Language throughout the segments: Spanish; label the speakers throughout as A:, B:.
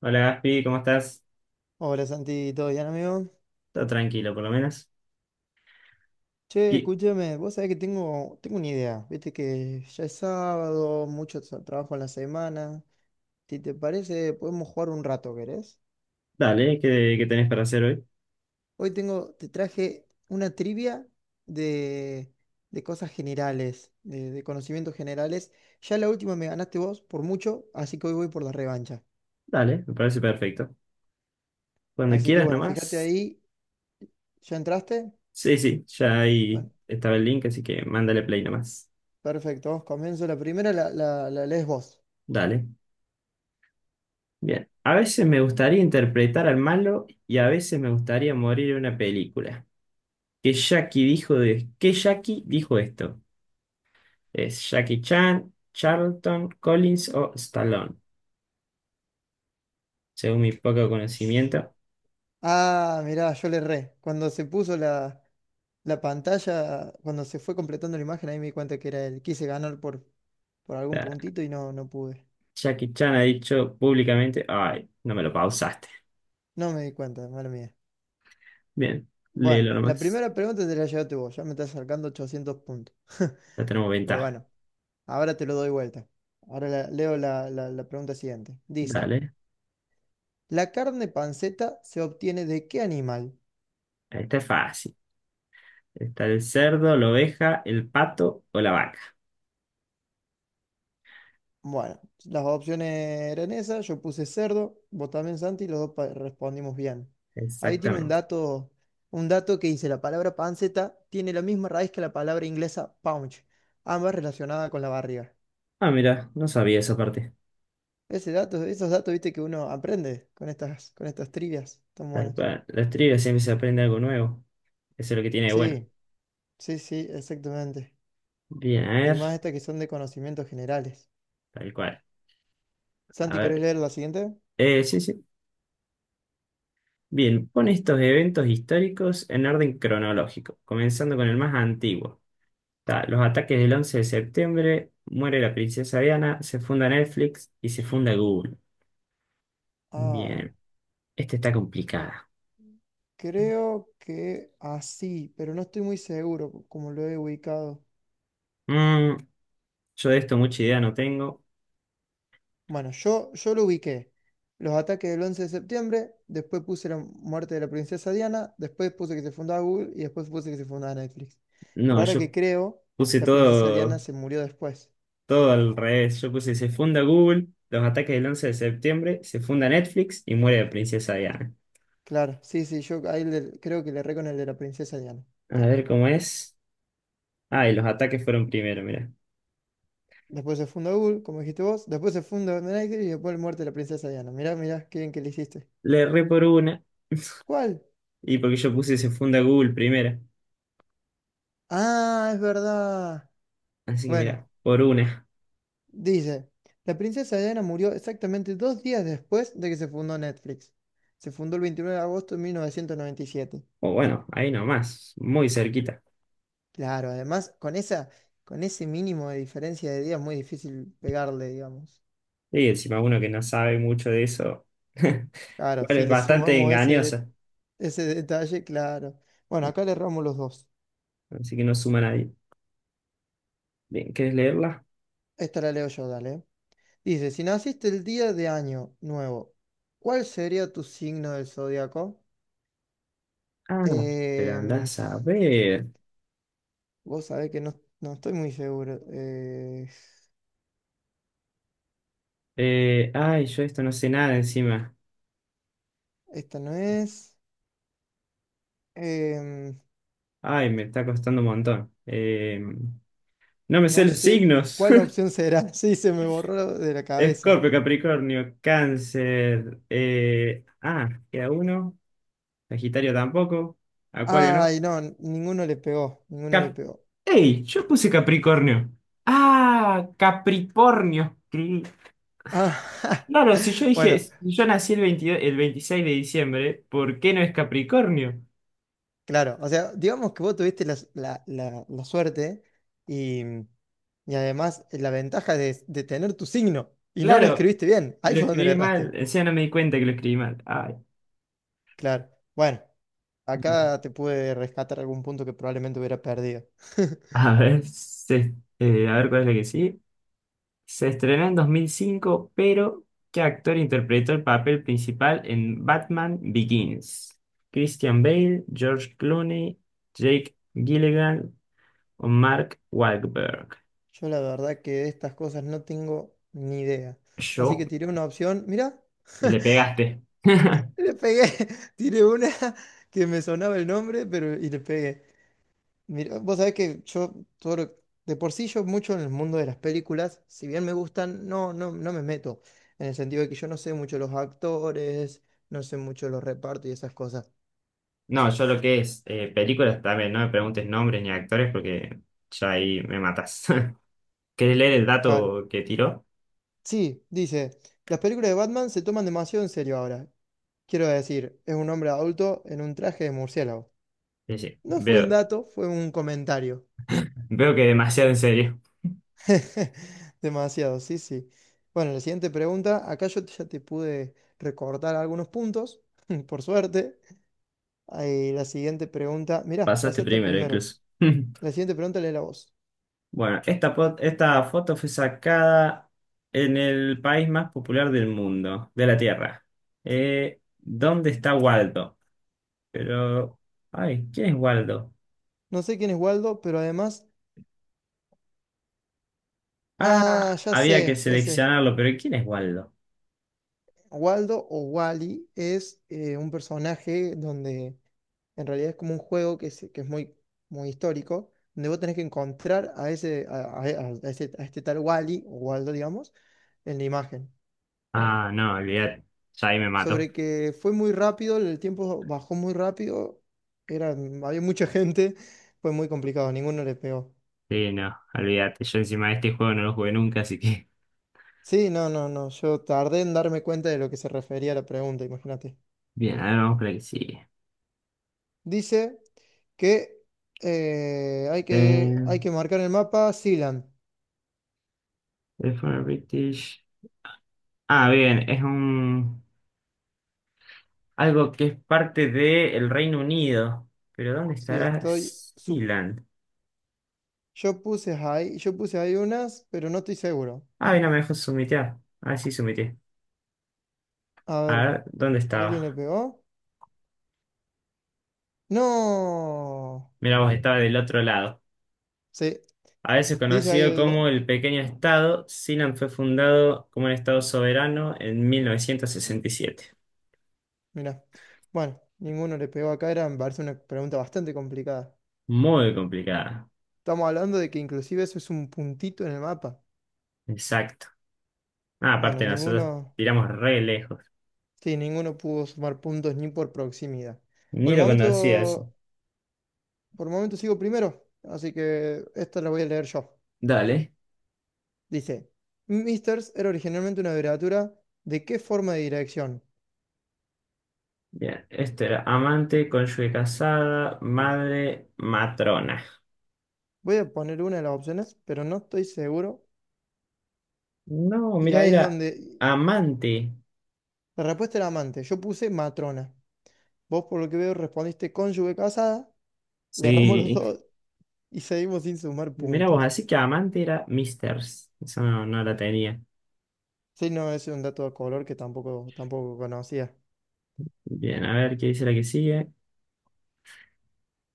A: Hola Gaspi, ¿cómo estás?
B: Hola Santi, ¿todo bien amigo?
A: Está tranquilo, por lo menos.
B: Che,
A: Y,
B: escúchame, vos sabés que tengo una idea, viste que ya es sábado, mucho trabajo en la semana, si te parece podemos jugar un rato, ¿querés?
A: dale, ¿qué tenés para hacer hoy?
B: Hoy tengo, te traje una trivia de, de cosas generales, de conocimientos generales, ya la última me ganaste vos por mucho, así que hoy voy por la revancha,
A: Dale, me parece perfecto. Cuando
B: así que
A: quieras
B: bueno, fíjate
A: nomás.
B: ahí, ¿ya entraste?
A: Sí, sí, ya ahí
B: Bueno,
A: estaba el link, así que mándale play nomás.
B: perfecto, comienzo la primera, la lees vos.
A: Dale. Bien. A veces me gustaría interpretar al malo y a veces me gustaría morir en una película. ¿Qué Jackie dijo esto? ¿Es Jackie Chan, Charlton, Collins o Stallone? Según mi poco conocimiento.
B: Ah, mirá, yo le erré. Cuando se puso la pantalla, cuando se fue completando la imagen, ahí me di cuenta que era él. Quise ganar por algún puntito y no, no pude.
A: Jackie Chan ha dicho públicamente, ay, no me lo pausaste.
B: No me di cuenta, mala mía.
A: Bien,
B: Bueno,
A: léelo
B: la
A: nomás.
B: primera pregunta te la llevaste vos. Ya me estás sacando 800 puntos.
A: Ya tenemos
B: Pero
A: ventaja.
B: bueno, ahora te lo doy vuelta. Ahora leo la, la pregunta siguiente. Dice,
A: Dale.
B: ¿la carne panceta se obtiene de qué animal?
A: Esta es fácil. Está el cerdo, la oveja, el pato o la vaca.
B: Bueno, las opciones eran esas, yo puse cerdo, vos también Santi, y los dos respondimos bien. Ahí tiene
A: Exactamente.
B: un dato que dice, la palabra panceta tiene la misma raíz que la palabra inglesa punch, ambas relacionadas con la barriga.
A: Ah, mira, no sabía esa parte.
B: Ese dato, esos datos, viste, que uno aprende con estas trivias tan
A: Tal
B: buenas.
A: cual. Las trivias siempre se aprende algo nuevo. Eso es lo que tiene de bueno.
B: Sí, sí, sí, exactamente.
A: Bien, a
B: Y más
A: ver.
B: estas que son de conocimientos generales.
A: Tal cual. A
B: Santi, ¿querés
A: ver.
B: leer la siguiente?
A: Sí, sí. Bien, pone estos eventos históricos en orden cronológico, comenzando con el más antiguo. Ta, los ataques del 11 de septiembre, muere la princesa Diana, se funda Netflix y se funda Google.
B: Ah.
A: Bien, esta está complicada.
B: Creo que así, pero no estoy muy seguro como lo he ubicado.
A: Mm, yo de esto mucha idea no tengo.
B: Bueno, yo lo ubiqué. Los ataques del 11 de septiembre, después puse la muerte de la princesa Diana, después puse que se fundaba Google y después puse que se fundaba Netflix. Pero
A: No,
B: ahora que
A: yo
B: creo,
A: puse
B: la princesa Diana
A: todo,
B: se murió después.
A: todo al revés. Yo puse se funda Google, los ataques del 11 de septiembre, se funda Netflix y muere la princesa Diana.
B: Claro, sí, sí, yo ahí creo que le erré con el de la princesa Diana.
A: A ver cómo es. Ah, y los ataques fueron primero, mira.
B: Después se funda Google, como dijiste vos, después se funda Netflix y después la muerte de la princesa Diana. Mirá, mirá, qué bien que le hiciste.
A: Le erré por una
B: ¿Cuál?
A: y porque yo puse se funda Google primero.
B: Ah, es verdad.
A: Así que
B: Bueno,
A: mira, por una.
B: dice, la princesa Diana murió exactamente dos días después de que se fundó Netflix. Se fundó el 29 de agosto de mil novecientos noventa y siete.
A: O bueno, ahí nomás, muy cerquita.
B: Claro, además, con esa, con ese mínimo de diferencia de días, es muy difícil pegarle, digamos.
A: Y encima uno que no sabe mucho de eso.
B: Claro,
A: Bueno,
B: si
A: es
B: le
A: bastante
B: sumamos
A: engañosa,
B: ese detalle, claro. Bueno, acá le erramos los dos.
A: así que no suma a nadie. Bien, ¿querés leerla?
B: Esta la leo yo, dale. Dice, si naciste el día de año nuevo, ¿cuál sería tu signo del zodiaco?
A: Ah, pero
B: Eh,
A: andás a ver.
B: Vos sabés que no, no estoy muy seguro.
A: Ay, yo esto no sé nada encima.
B: Esta no es. Em,
A: Ay, me está costando un montón. No me sé
B: no
A: los
B: sé
A: signos.
B: cuál opción será. Sí, se me borró de la cabeza.
A: Escorpio, Capricornio, Cáncer. Ah, queda uno. Sagitario tampoco. Acuario no.
B: Ay, no, ninguno le pegó. Ninguno le
A: Cap
B: pegó.
A: ¡Ey! Yo puse Capricornio. Ah, Capricornio.
B: Ah,
A: Claro,
B: bueno,
A: si yo nací el 22, el 26 de diciembre, ¿por qué no es Capricornio?
B: claro. O sea, digamos que vos tuviste la suerte y, mm, y además la ventaja de tener tu signo y no lo
A: Claro,
B: escribiste bien.
A: y
B: Ahí
A: lo
B: fue donde le
A: escribí mal,
B: erraste.
A: encima no me di cuenta que lo escribí mal. Ay,
B: Claro. Bueno, acá te pude rescatar algún punto que probablemente hubiera perdido.
A: a ver, se- a ver cuál es la que sí. Se estrenó en 2005, pero ¿qué actor interpretó el papel principal en Batman Begins? Christian Bale, George Clooney, Jake Gyllenhaal o Mark Wahlberg.
B: Yo la verdad que de estas cosas no tengo ni idea. Así
A: Yo
B: que tiré una opción. Mira,
A: le pegaste.
B: le pegué. Tiré una que me sonaba el nombre, pero y le pegué. Mira, vos sabés que yo todo lo- de por sí yo mucho en el mundo de las películas, si bien me gustan, no, no, no me meto. En el sentido de que yo no sé mucho los actores, no sé mucho los repartos y esas cosas.
A: No, yo lo que es películas también, no me preguntes nombres ni actores porque ya ahí me matas. ¿Querés leer el
B: Claro.
A: dato que tiró?
B: Sí, dice, las películas de Batman se toman demasiado en serio ahora. Quiero decir, es un hombre adulto en un traje de murciélago.
A: Sí, sí,
B: No fue un
A: veo,
B: dato, fue un comentario.
A: veo que demasiado en serio.
B: Demasiado, sí, sí. Bueno, la siguiente pregunta. Acá yo ya te pude recortar algunos puntos, por suerte. Ahí, la siguiente pregunta. Mirá,
A: Pasaste
B: pasé hasta el
A: primero,
B: primero.
A: incluso.
B: La siguiente pregunta lee la voz.
A: Bueno, esta foto fue sacada en el país más popular del mundo, de la Tierra. ¿Dónde está Waldo? Pero, ay, ¿quién es Waldo?
B: No sé quién es Waldo, pero además.
A: Ah,
B: Ah, ya
A: había que
B: sé, ya sé.
A: seleccionarlo, pero ¿quién es Waldo?
B: Waldo o Wally es un personaje donde en realidad es como un juego que es muy, muy histórico, donde vos tenés que encontrar a ese, a ese- a este tal Wally o Waldo, digamos, en la imagen.
A: Ah, no, olvidate, ya ahí me mató.
B: Sobre que fue muy rápido, el tiempo bajó muy rápido, eran, había mucha gente, fue muy complicado, ninguno le pegó.
A: Sí, no, olvídate. Yo encima de este juego no lo jugué nunca, así que.
B: Sí, no, no, no, yo tardé en darme cuenta de lo que se refería a la pregunta, imagínate.
A: Bien, a ver, vamos con el que sigue.
B: Dice... que hay que
A: Eh,
B: marcar en el mapa Sealand.
A: el British. Ah, bien, es un. Algo que es parte del Reino Unido. Pero ¿dónde
B: Sí,
A: estará
B: estoy.
A: Sealand?
B: Yo puse ahí unas, pero no estoy seguro.
A: Ah, mira, me dejó sumitear. Ah, sí, sumité.
B: A
A: A
B: ver,
A: ver, ¿dónde
B: ¿alguien le
A: estaba?
B: pegó? ¡No!
A: Mira, vos estaba del otro lado.
B: Sí,
A: A veces
B: dice ahí
A: conocido
B: el.
A: como el pequeño estado, Sealand fue fundado como un estado soberano en 1967.
B: Mira. Bueno, ninguno le pegó acá, era, me parece una pregunta bastante complicada.
A: Muy complicada.
B: Estamos hablando de que inclusive eso es un puntito en el mapa.
A: Exacto. Ah,
B: Bueno,
A: aparte nosotros
B: ninguno.
A: tiramos re lejos.
B: Sí, ninguno pudo sumar puntos ni por proximidad. Por
A: Ni
B: el
A: lo conocía eso.
B: momento. Por el momento sigo primero, así que esta la voy a leer yo.
A: Dale.
B: Dice, Misters era originalmente una abreviatura de qué forma de dirección.
A: Bien. Este era amante, cónyuge casada, madre, matrona.
B: Voy a poner una de las opciones, pero no estoy seguro.
A: No,
B: Y
A: mira,
B: ahí es
A: era
B: donde
A: amante.
B: la respuesta era amante. Yo puse matrona. Vos, por lo que veo, respondiste cónyuge casada. Le erramos los
A: Sí.
B: dos y seguimos sin sumar
A: Mira vos,
B: puntos.
A: así que amante era Misters. Eso no, no la tenía.
B: Sí, no, es un dato de color que tampoco conocía.
A: Bien, a ver qué dice la que sigue.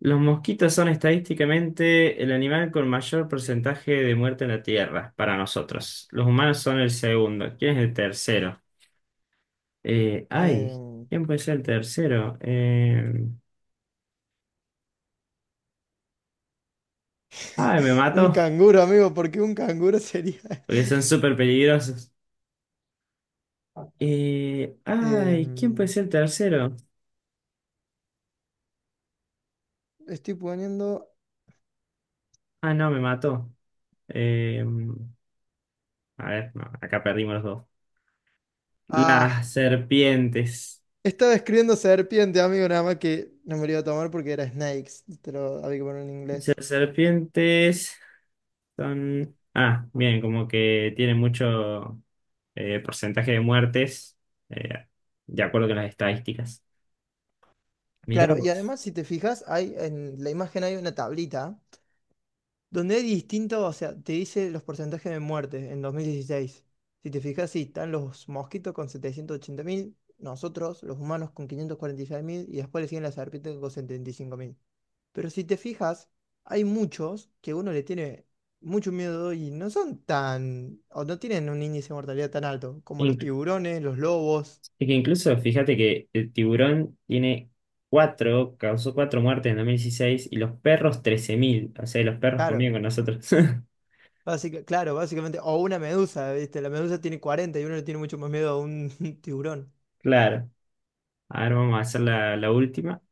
A: Los mosquitos son estadísticamente el animal con mayor porcentaje de muerte en la Tierra, para nosotros. Los humanos son el segundo. ¿Quién es el tercero? Ay,
B: Em,
A: ¿quién puede ser el tercero? Ay, me
B: un
A: mato,
B: canguro, amigo, porque un canguro sería...
A: porque son súper peligrosos. Ay, ¿quién puede
B: Em,
A: ser el tercero?
B: estoy poniendo.
A: Ah, no, me mató. Eh, a ver, no, acá perdimos los dos.
B: Ah,
A: Las serpientes.
B: estaba escribiendo serpiente, amigo, nada más que no me lo iba a tomar porque era snakes, te lo había que poner en inglés.
A: Las serpientes son... Ah, bien, como que tienen mucho porcentaje de muertes, eh, de acuerdo con las estadísticas. Mirá
B: Claro, y
A: vos.
B: además si te fijas, hay en la imagen hay una tablita donde hay distintos, o sea, te dice los porcentajes de muerte en 2016. Si te fijas, sí, están los mosquitos con 780.000, nosotros, los humanos, con quinientos cuarenta y seis mil y después le siguen las serpientes con 75.000. Pero si te fijas, hay muchos que uno le tiene mucho miedo y no son tan, o no tienen un índice de mortalidad tan alto, como los tiburones, los lobos,
A: Es que incluso fíjate que el tiburón tiene cuatro, causó cuatro muertes en 2016 y los perros 13.000, o sea, los perros
B: claro,
A: conviven con nosotros.
B: claro, básicamente, o una medusa, ¿viste? La medusa tiene 40 y uno le tiene mucho más miedo a un tiburón.
A: Claro. A ver, vamos a hacer la última.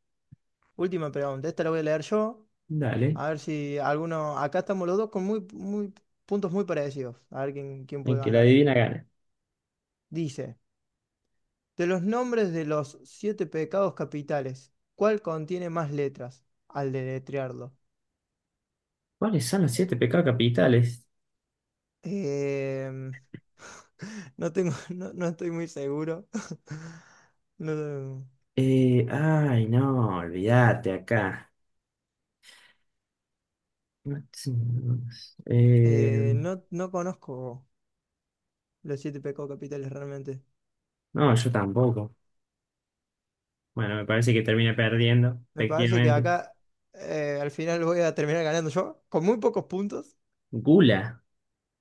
B: Última pregunta, esta la voy a leer yo,
A: Dale.
B: a ver si alguno, acá estamos los dos con puntos muy parecidos, a ver quién, quién
A: El
B: puede
A: que la
B: ganar.
A: adivina gana.
B: Dice, de los nombres de los siete pecados capitales, ¿cuál contiene más letras al deletrearlo?
A: ¿Cuáles son los siete pecados capitales?
B: Em, no tengo, no, no estoy muy seguro. No,
A: Ay, no, olvídate acá. Eh,
B: no, no conozco los siete pecados capitales realmente.
A: no, yo tampoco. Bueno, me parece que termina perdiendo,
B: Me parece que
A: efectivamente.
B: acá al final voy a terminar ganando yo con muy pocos puntos.
A: Gula.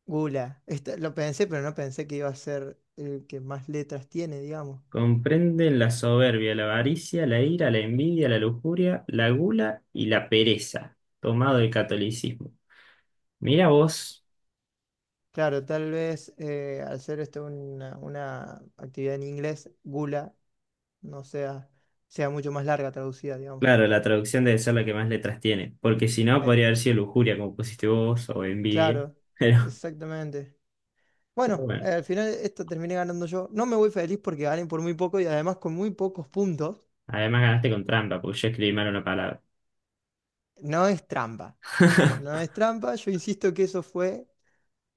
B: Gula. Esta- lo pensé, pero no pensé que iba a ser el que más letras tiene, digamos.
A: Comprenden la soberbia, la avaricia, la ira, la envidia, la lujuria, la gula y la pereza, tomado del catolicismo. Mira vos,
B: Claro, tal vez al ser esto una actividad en inglés, gula no sea, sea mucho más larga traducida, digamos.
A: claro, la traducción debe ser la que más letras tiene, porque si no
B: Eh,
A: podría haber sido lujuria, como pusiste vos, o envidia.
B: claro,
A: Pero,
B: exactamente.
A: pero
B: Bueno,
A: bueno,
B: al final esto terminé ganando yo. No me voy feliz porque gané por muy poco y además con muy pocos puntos.
A: además ganaste con trampa, porque yo escribí mal una palabra.
B: No es trampa. No es trampa, yo insisto que eso fue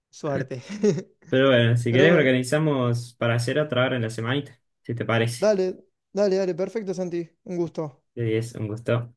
B: suerte.
A: Pero bueno, si querés
B: Pero
A: organizamos para hacer otra hora en la semanita, si te parece.
B: dale, dale, dale, perfecto, Santi. Un gusto.
A: Sí, es un gusto.